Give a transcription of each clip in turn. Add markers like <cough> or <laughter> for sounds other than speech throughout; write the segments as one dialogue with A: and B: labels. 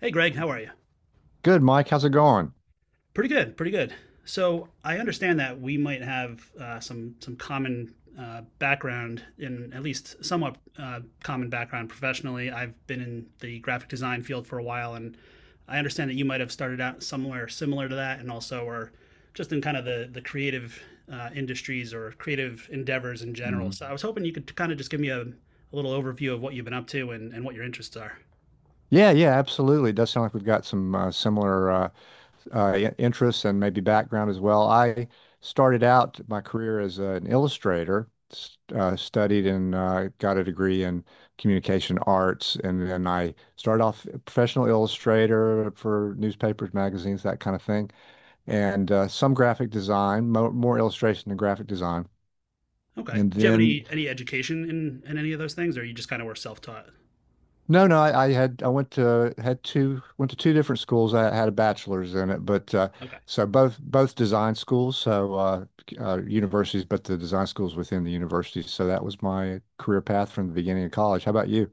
A: Hey, Greg, how are you?
B: Good, Mike. How's it going?
A: Pretty good, pretty good. So I understand that we might have some common background, in at least somewhat common background professionally. I've been in the graphic design field for a while, and I understand that you might have started out somewhere similar to that, and also are just in kind of the creative industries or creative endeavors in general.
B: Mhm.
A: So I was hoping you could kind of just give me a little overview of what you've been up to and what your interests are.
B: Yeah, yeah, absolutely. It does sound like we've got some similar interests and maybe background as well. I started out my career as an illustrator, studied and got a degree in communication arts, and then I started off a professional illustrator for newspapers, magazines, that kind of thing, and some graphic design, mo more illustration than graphic design,
A: Okay.
B: and
A: Did you have
B: then.
A: any education in any of those things, or you just kind of were self taught?
B: No, no, I went to had two went to two different schools. I had a bachelor's in it, but
A: Okay.
B: so both design schools, so universities, but the design schools within the universities. So that was my career path from the beginning of college. How about you?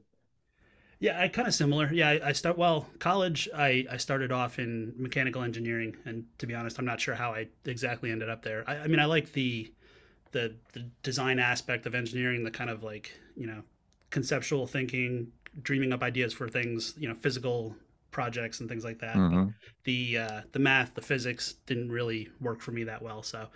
A: Yeah, I kind of similar. Yeah, I start well college. I started off in mechanical engineering, and to be honest, I'm not sure how I exactly ended up there. I mean, I like the design aspect of engineering, the kind of like you know conceptual thinking, dreaming up ideas for things, you know, physical projects and things like that. But
B: Hmm.
A: the math, the physics didn't really work for me that well. So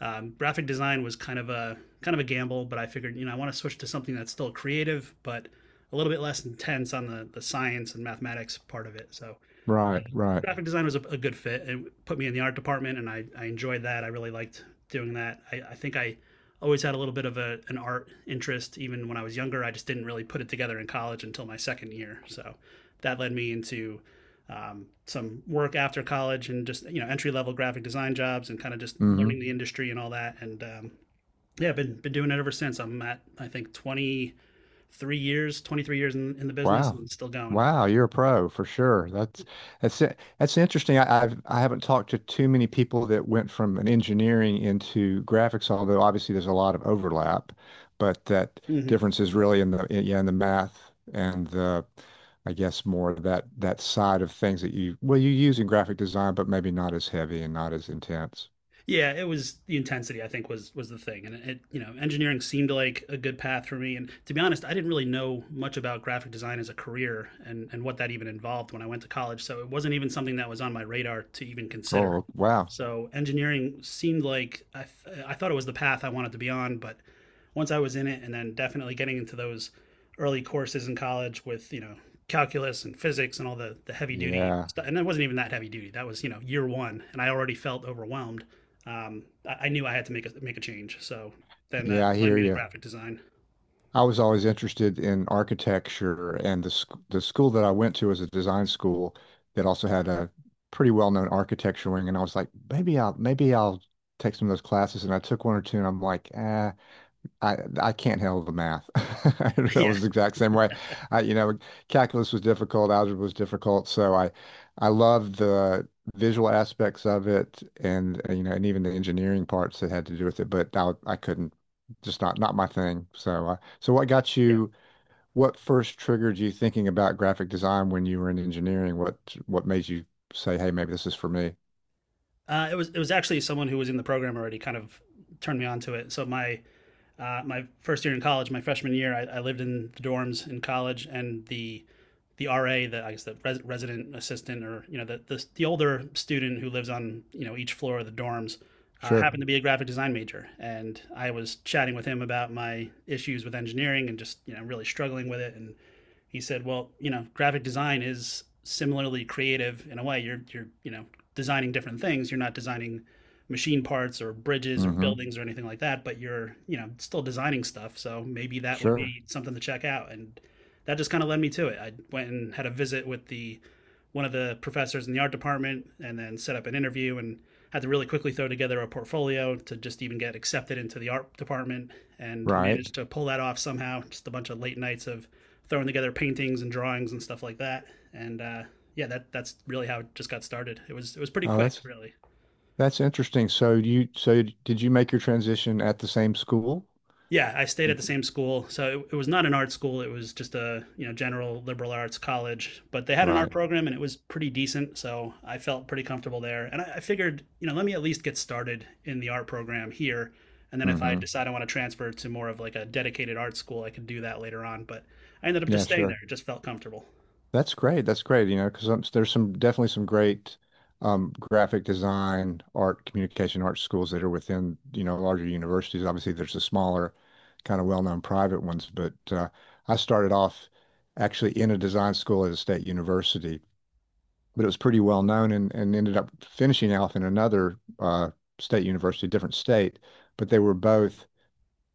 A: graphic design was kind of a gamble, but I figured you know I want to switch to something that's still creative, but a little bit less intense on the science and mathematics part of it. So
B: Right, right.
A: graphic design was a good fit. It put me in the art department, and I enjoyed that. I really liked doing that. I think I always had a little bit of an art interest, even when I was younger. I just didn't really put it together in college until my second year. So that led me into some work after college and just you know entry level graphic design jobs and kind of just
B: Hmm.
A: learning the industry and all that. And yeah, I've been doing it ever since. I'm at I think 23 years, 23 years in the business,
B: Wow.
A: and still going.
B: Wow, you're a pro for sure. That's that's interesting. I haven't talked to too many people that went from an engineering into graphics, although obviously there's a lot of overlap, but that
A: Mm-hmm.
B: difference is really in yeah, in the math and the I guess more of that side of things that you well you use in graphic design, but maybe not as heavy and not as intense.
A: Yeah, it was the intensity. I think was the thing, and it you know engineering seemed like a good path for me. And to be honest, I didn't really know much about graphic design as a career and what that even involved when I went to college. So it wasn't even something that was on my radar to even consider.
B: Oh, wow.
A: So engineering seemed like I thought it was the path I wanted to be on, but once I was in it, and then definitely getting into those early courses in college with you know calculus and physics and all the heavy duty
B: Yeah.
A: stuff, and it wasn't even that heavy duty. That was you know year one, and I already felt overwhelmed I knew I had to make a change. So then that
B: Yeah, I
A: led
B: hear
A: me to
B: you.
A: graphic design.
B: I was always interested in architecture, and the school that I went to was a design school that also had a pretty well-known architecture wing. And I was like, maybe I'll take some of those classes. And I took one or two, and I'm like, I can't handle the math. <laughs>
A: <laughs>
B: I
A: yeah,
B: was the exact same way. I, you know, calculus was difficult, algebra was difficult, so I love the visual aspects of it, and you know, and even the engineering parts that had to do with it. But I couldn't, just not my thing. So so what got
A: yeah.
B: you? What first triggered you thinking about graphic design when you were in engineering? What made you say, hey, maybe this is for me?
A: It was actually someone who was in the program already kind of turned me on to it. So my my first year in college, my freshman year, I lived in the dorms in college, and the RA, the I guess the resident assistant, or you know the, the older student who lives on you know each floor of the dorms,
B: Sure.
A: happened to be a graphic design major, and I was chatting with him about my issues with engineering and just you know really struggling with it and he said, well, you know, graphic design is similarly creative in a way. You're you know designing different things. You're not designing machine parts or bridges or
B: Mm-hmm.
A: buildings or anything like that, but you're you know still designing stuff. So maybe that would
B: Sure.
A: be something to check out. And that just kind of led me to it. I went and had a visit with the one of the professors in the art department and then set up an interview and had to really quickly throw together a portfolio to just even get accepted into the art department and
B: Right.
A: managed to pull that off somehow. Just a bunch of late nights of throwing together paintings and drawings and stuff like that. And yeah, that's really how it just got started. It was pretty
B: Oh,
A: quick, really.
B: that's interesting. So you so did you make your transition at the same school?
A: Yeah, I stayed at the
B: It-
A: same school. So it was not an art school. It was just a, you know, general liberal arts college, but they had an art
B: right.
A: program and it was pretty decent. So I felt pretty comfortable there. And I figured, you know, let me at least get started in the art program here. And then if I
B: Hmm.
A: decide I want to transfer to more of like a dedicated art school, I could do that later on. But I ended up just
B: Yeah,
A: staying there.
B: sure.
A: It just felt comfortable.
B: That's great. That's great, you know, because there's some definitely some great graphic design, art, communication arts schools that are within, you know, larger universities. Obviously, there's the smaller, kind of well-known private ones, but I started off actually in a design school at a state university, but it was pretty well known and ended up finishing off in another state university, different state. But they were both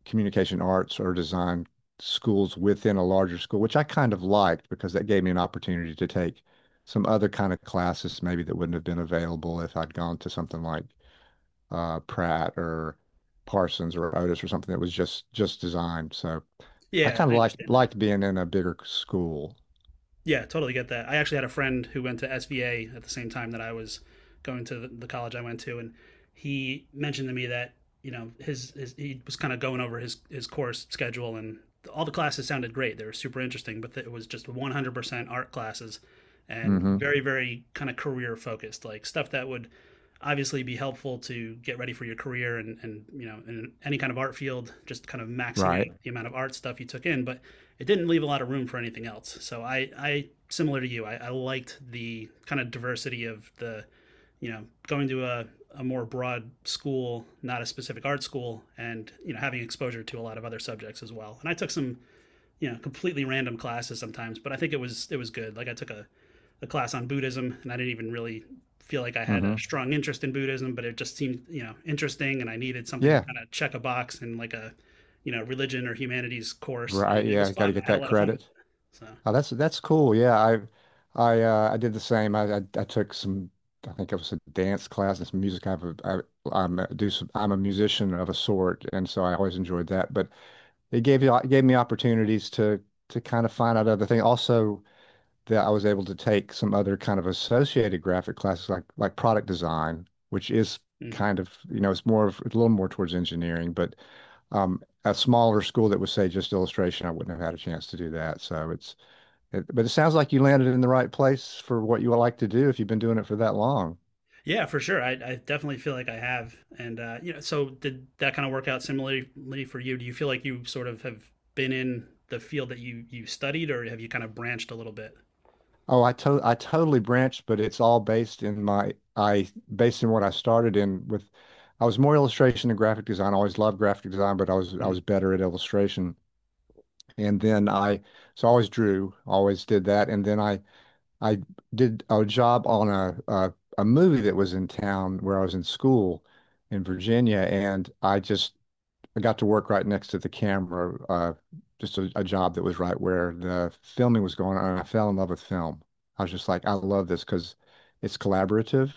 B: communication arts or design schools within a larger school, which I kind of liked because that gave me an opportunity to take some other kind of classes maybe that wouldn't have been available if I'd gone to something like Pratt or Parsons or Otis or something that was just designed. So I
A: Yeah,
B: kind of
A: I understand.
B: liked being in a bigger school.
A: Yeah, totally get that. I actually had a friend who went to SVA at the same time that I was college I went to, and he mentioned to me that you know his he was kind of going over his course schedule, and all the classes sounded great. They were super interesting, but it was just 100% art classes, and
B: Hmm.
A: very kind of career focused, like stuff that would obviously be helpful to get ready for your career and you know in any kind of art field, just kind of maxing
B: Right.
A: out the amount of art stuff you took in, but it didn't leave a lot of room for anything else. So I similar to you, I liked the kind of diversity you know, going to a more broad school, not a specific art school, and you know having exposure to a lot of other subjects as well. And I took some you know completely random classes sometimes but I think it was good like I took a class on buddhism and I didn't even really feel like I had a
B: Hmm.
A: strong interest in buddhism but it just seemed you know interesting and I needed something to
B: Yeah.
A: kind of check a box in like a you know religion or humanities course
B: Right,
A: and it was
B: yeah, got to
A: fun I
B: get
A: had a
B: that
A: lot of fun with it
B: credit.
A: so
B: Oh, that's cool. Yeah, I I did the same. I took some I think it was a dance class and some music. I have I'm do some, I'm a musician of a sort, and so I always enjoyed that. But it gave me opportunities to kind of find out other things. Also, that I was able to take some other kind of associated graphic classes like product design, which is
A: mhm.
B: kind of, you know, it's more of it's a little more towards engineering, but a smaller school that would say just illustration, I wouldn't have had a chance to do that. So it's it, but it sounds like you landed in the right place for what you would like to do if you've been doing it for that long.
A: Yeah for sure I definitely feel like I have and you know so did that kind of work out similarly for you do you feel like you sort of have been in the field that you studied or have you kind of branched a little bit.
B: Oh, I totally branched, but it's all based in my I based in what I started in with I was more illustration and graphic design. I always loved graphic design, but I
A: Mhm.
B: was better at illustration. And then I, so I always drew, always did that. And then I did a job on a movie that was in town where I was in school in Virginia. And I just I got to work right next to the camera, just a job that was right where the filming was going on. And I fell in love with film. I was just like, I love this because it's collaborative.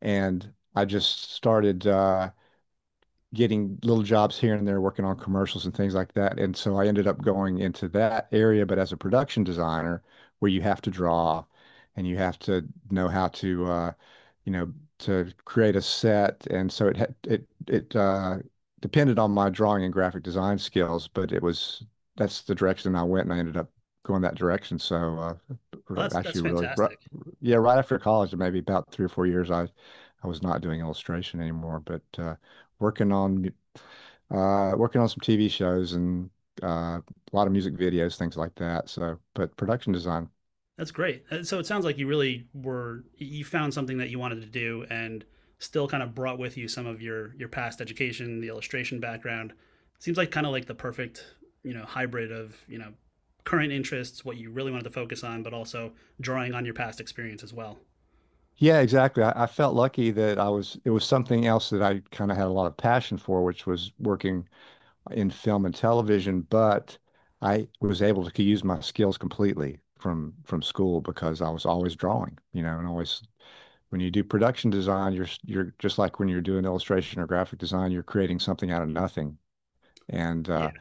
B: And I just started, getting little jobs here and there working on commercials and things like that. And so I ended up going into that area, but as a production designer, where you have to draw and you have to know how to, you know, to create a set. And so it had, depended on my drawing and graphic design skills, but it was, that's the direction I went and I ended up going that direction. So,
A: Well, that's
B: actually really, right,
A: fantastic.
B: yeah, right after college, maybe about 3 or 4 years, I was not doing illustration anymore, but, working on working on some TV shows and a lot of music videos, things like that. So, but production design.
A: That's great. So it sounds like you really were you found something that you wanted to do and still kind of brought with you some of your past education, the illustration background. Seems like kind of like the perfect, you know, hybrid of, you know, current interests, what you really wanted to focus on, but also drawing on your past experience as well.
B: Yeah, exactly. I felt lucky that I was it was something else that I kind of had a lot of passion for, which was working in film and television, but I was able to use my skills completely from school because I was always drawing, you know, and always when you do production design, you're just like when you're doing illustration or graphic design, you're creating something out of nothing, and
A: Yeah.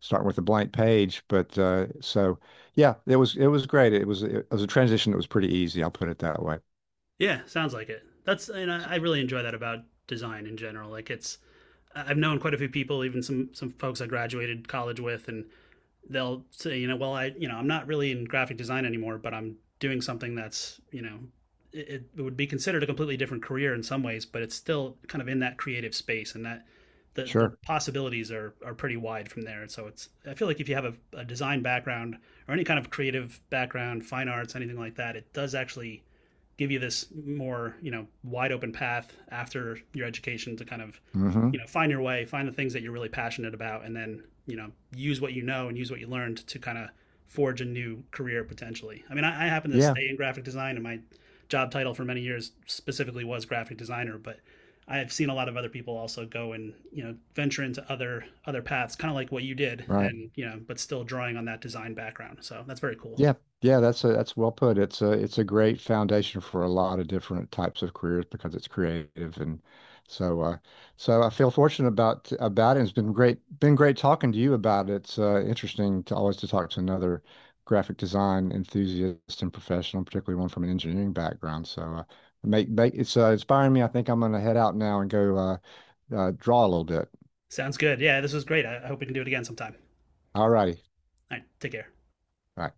B: starting with a blank page. But so yeah, it was great. It was a transition that was pretty easy. I'll put it that way.
A: Yeah, sounds like it. That's and
B: S-
A: I really enjoy that about design in general. Like it's I've known quite a few people, even some folks I graduated college with, and they'll say, you know, well, I, you know, I'm not really in graphic design anymore, but I'm doing something that's, you know, it would be considered a completely different career in some ways, but it's still kind of in that creative space and that the
B: Sure.
A: possibilities are pretty wide from there. And so it's, I feel like if you have a design background or any kind of creative background, fine arts, anything like that, it does actually give you this more you know wide open path after your education to kind of
B: Hmm.
A: you know find your way find the things that you're really passionate about and then you know use what you know and use what you learned to kind of forge a new career potentially I mean I happen to
B: Yeah.
A: stay in graphic design and my job title for many years specifically was graphic designer but I have seen a lot of other people also go and you know venture into other paths kind of like what you did
B: Right.
A: and you know but still drawing on that design background so that's very cool.
B: Yeah, yeah, that's that's well put. It's a great foundation for a lot of different types of careers because it's creative and so so I feel fortunate about it. It's been great talking to you about it. It's interesting to always to talk to another graphic design enthusiast and professional, particularly one from an engineering background. So make it's inspiring me. I think I'm gonna head out now and go draw a little bit.
A: Sounds good yeah this was great I hope we can do it again sometime.
B: All righty.
A: Right, take care.
B: All right.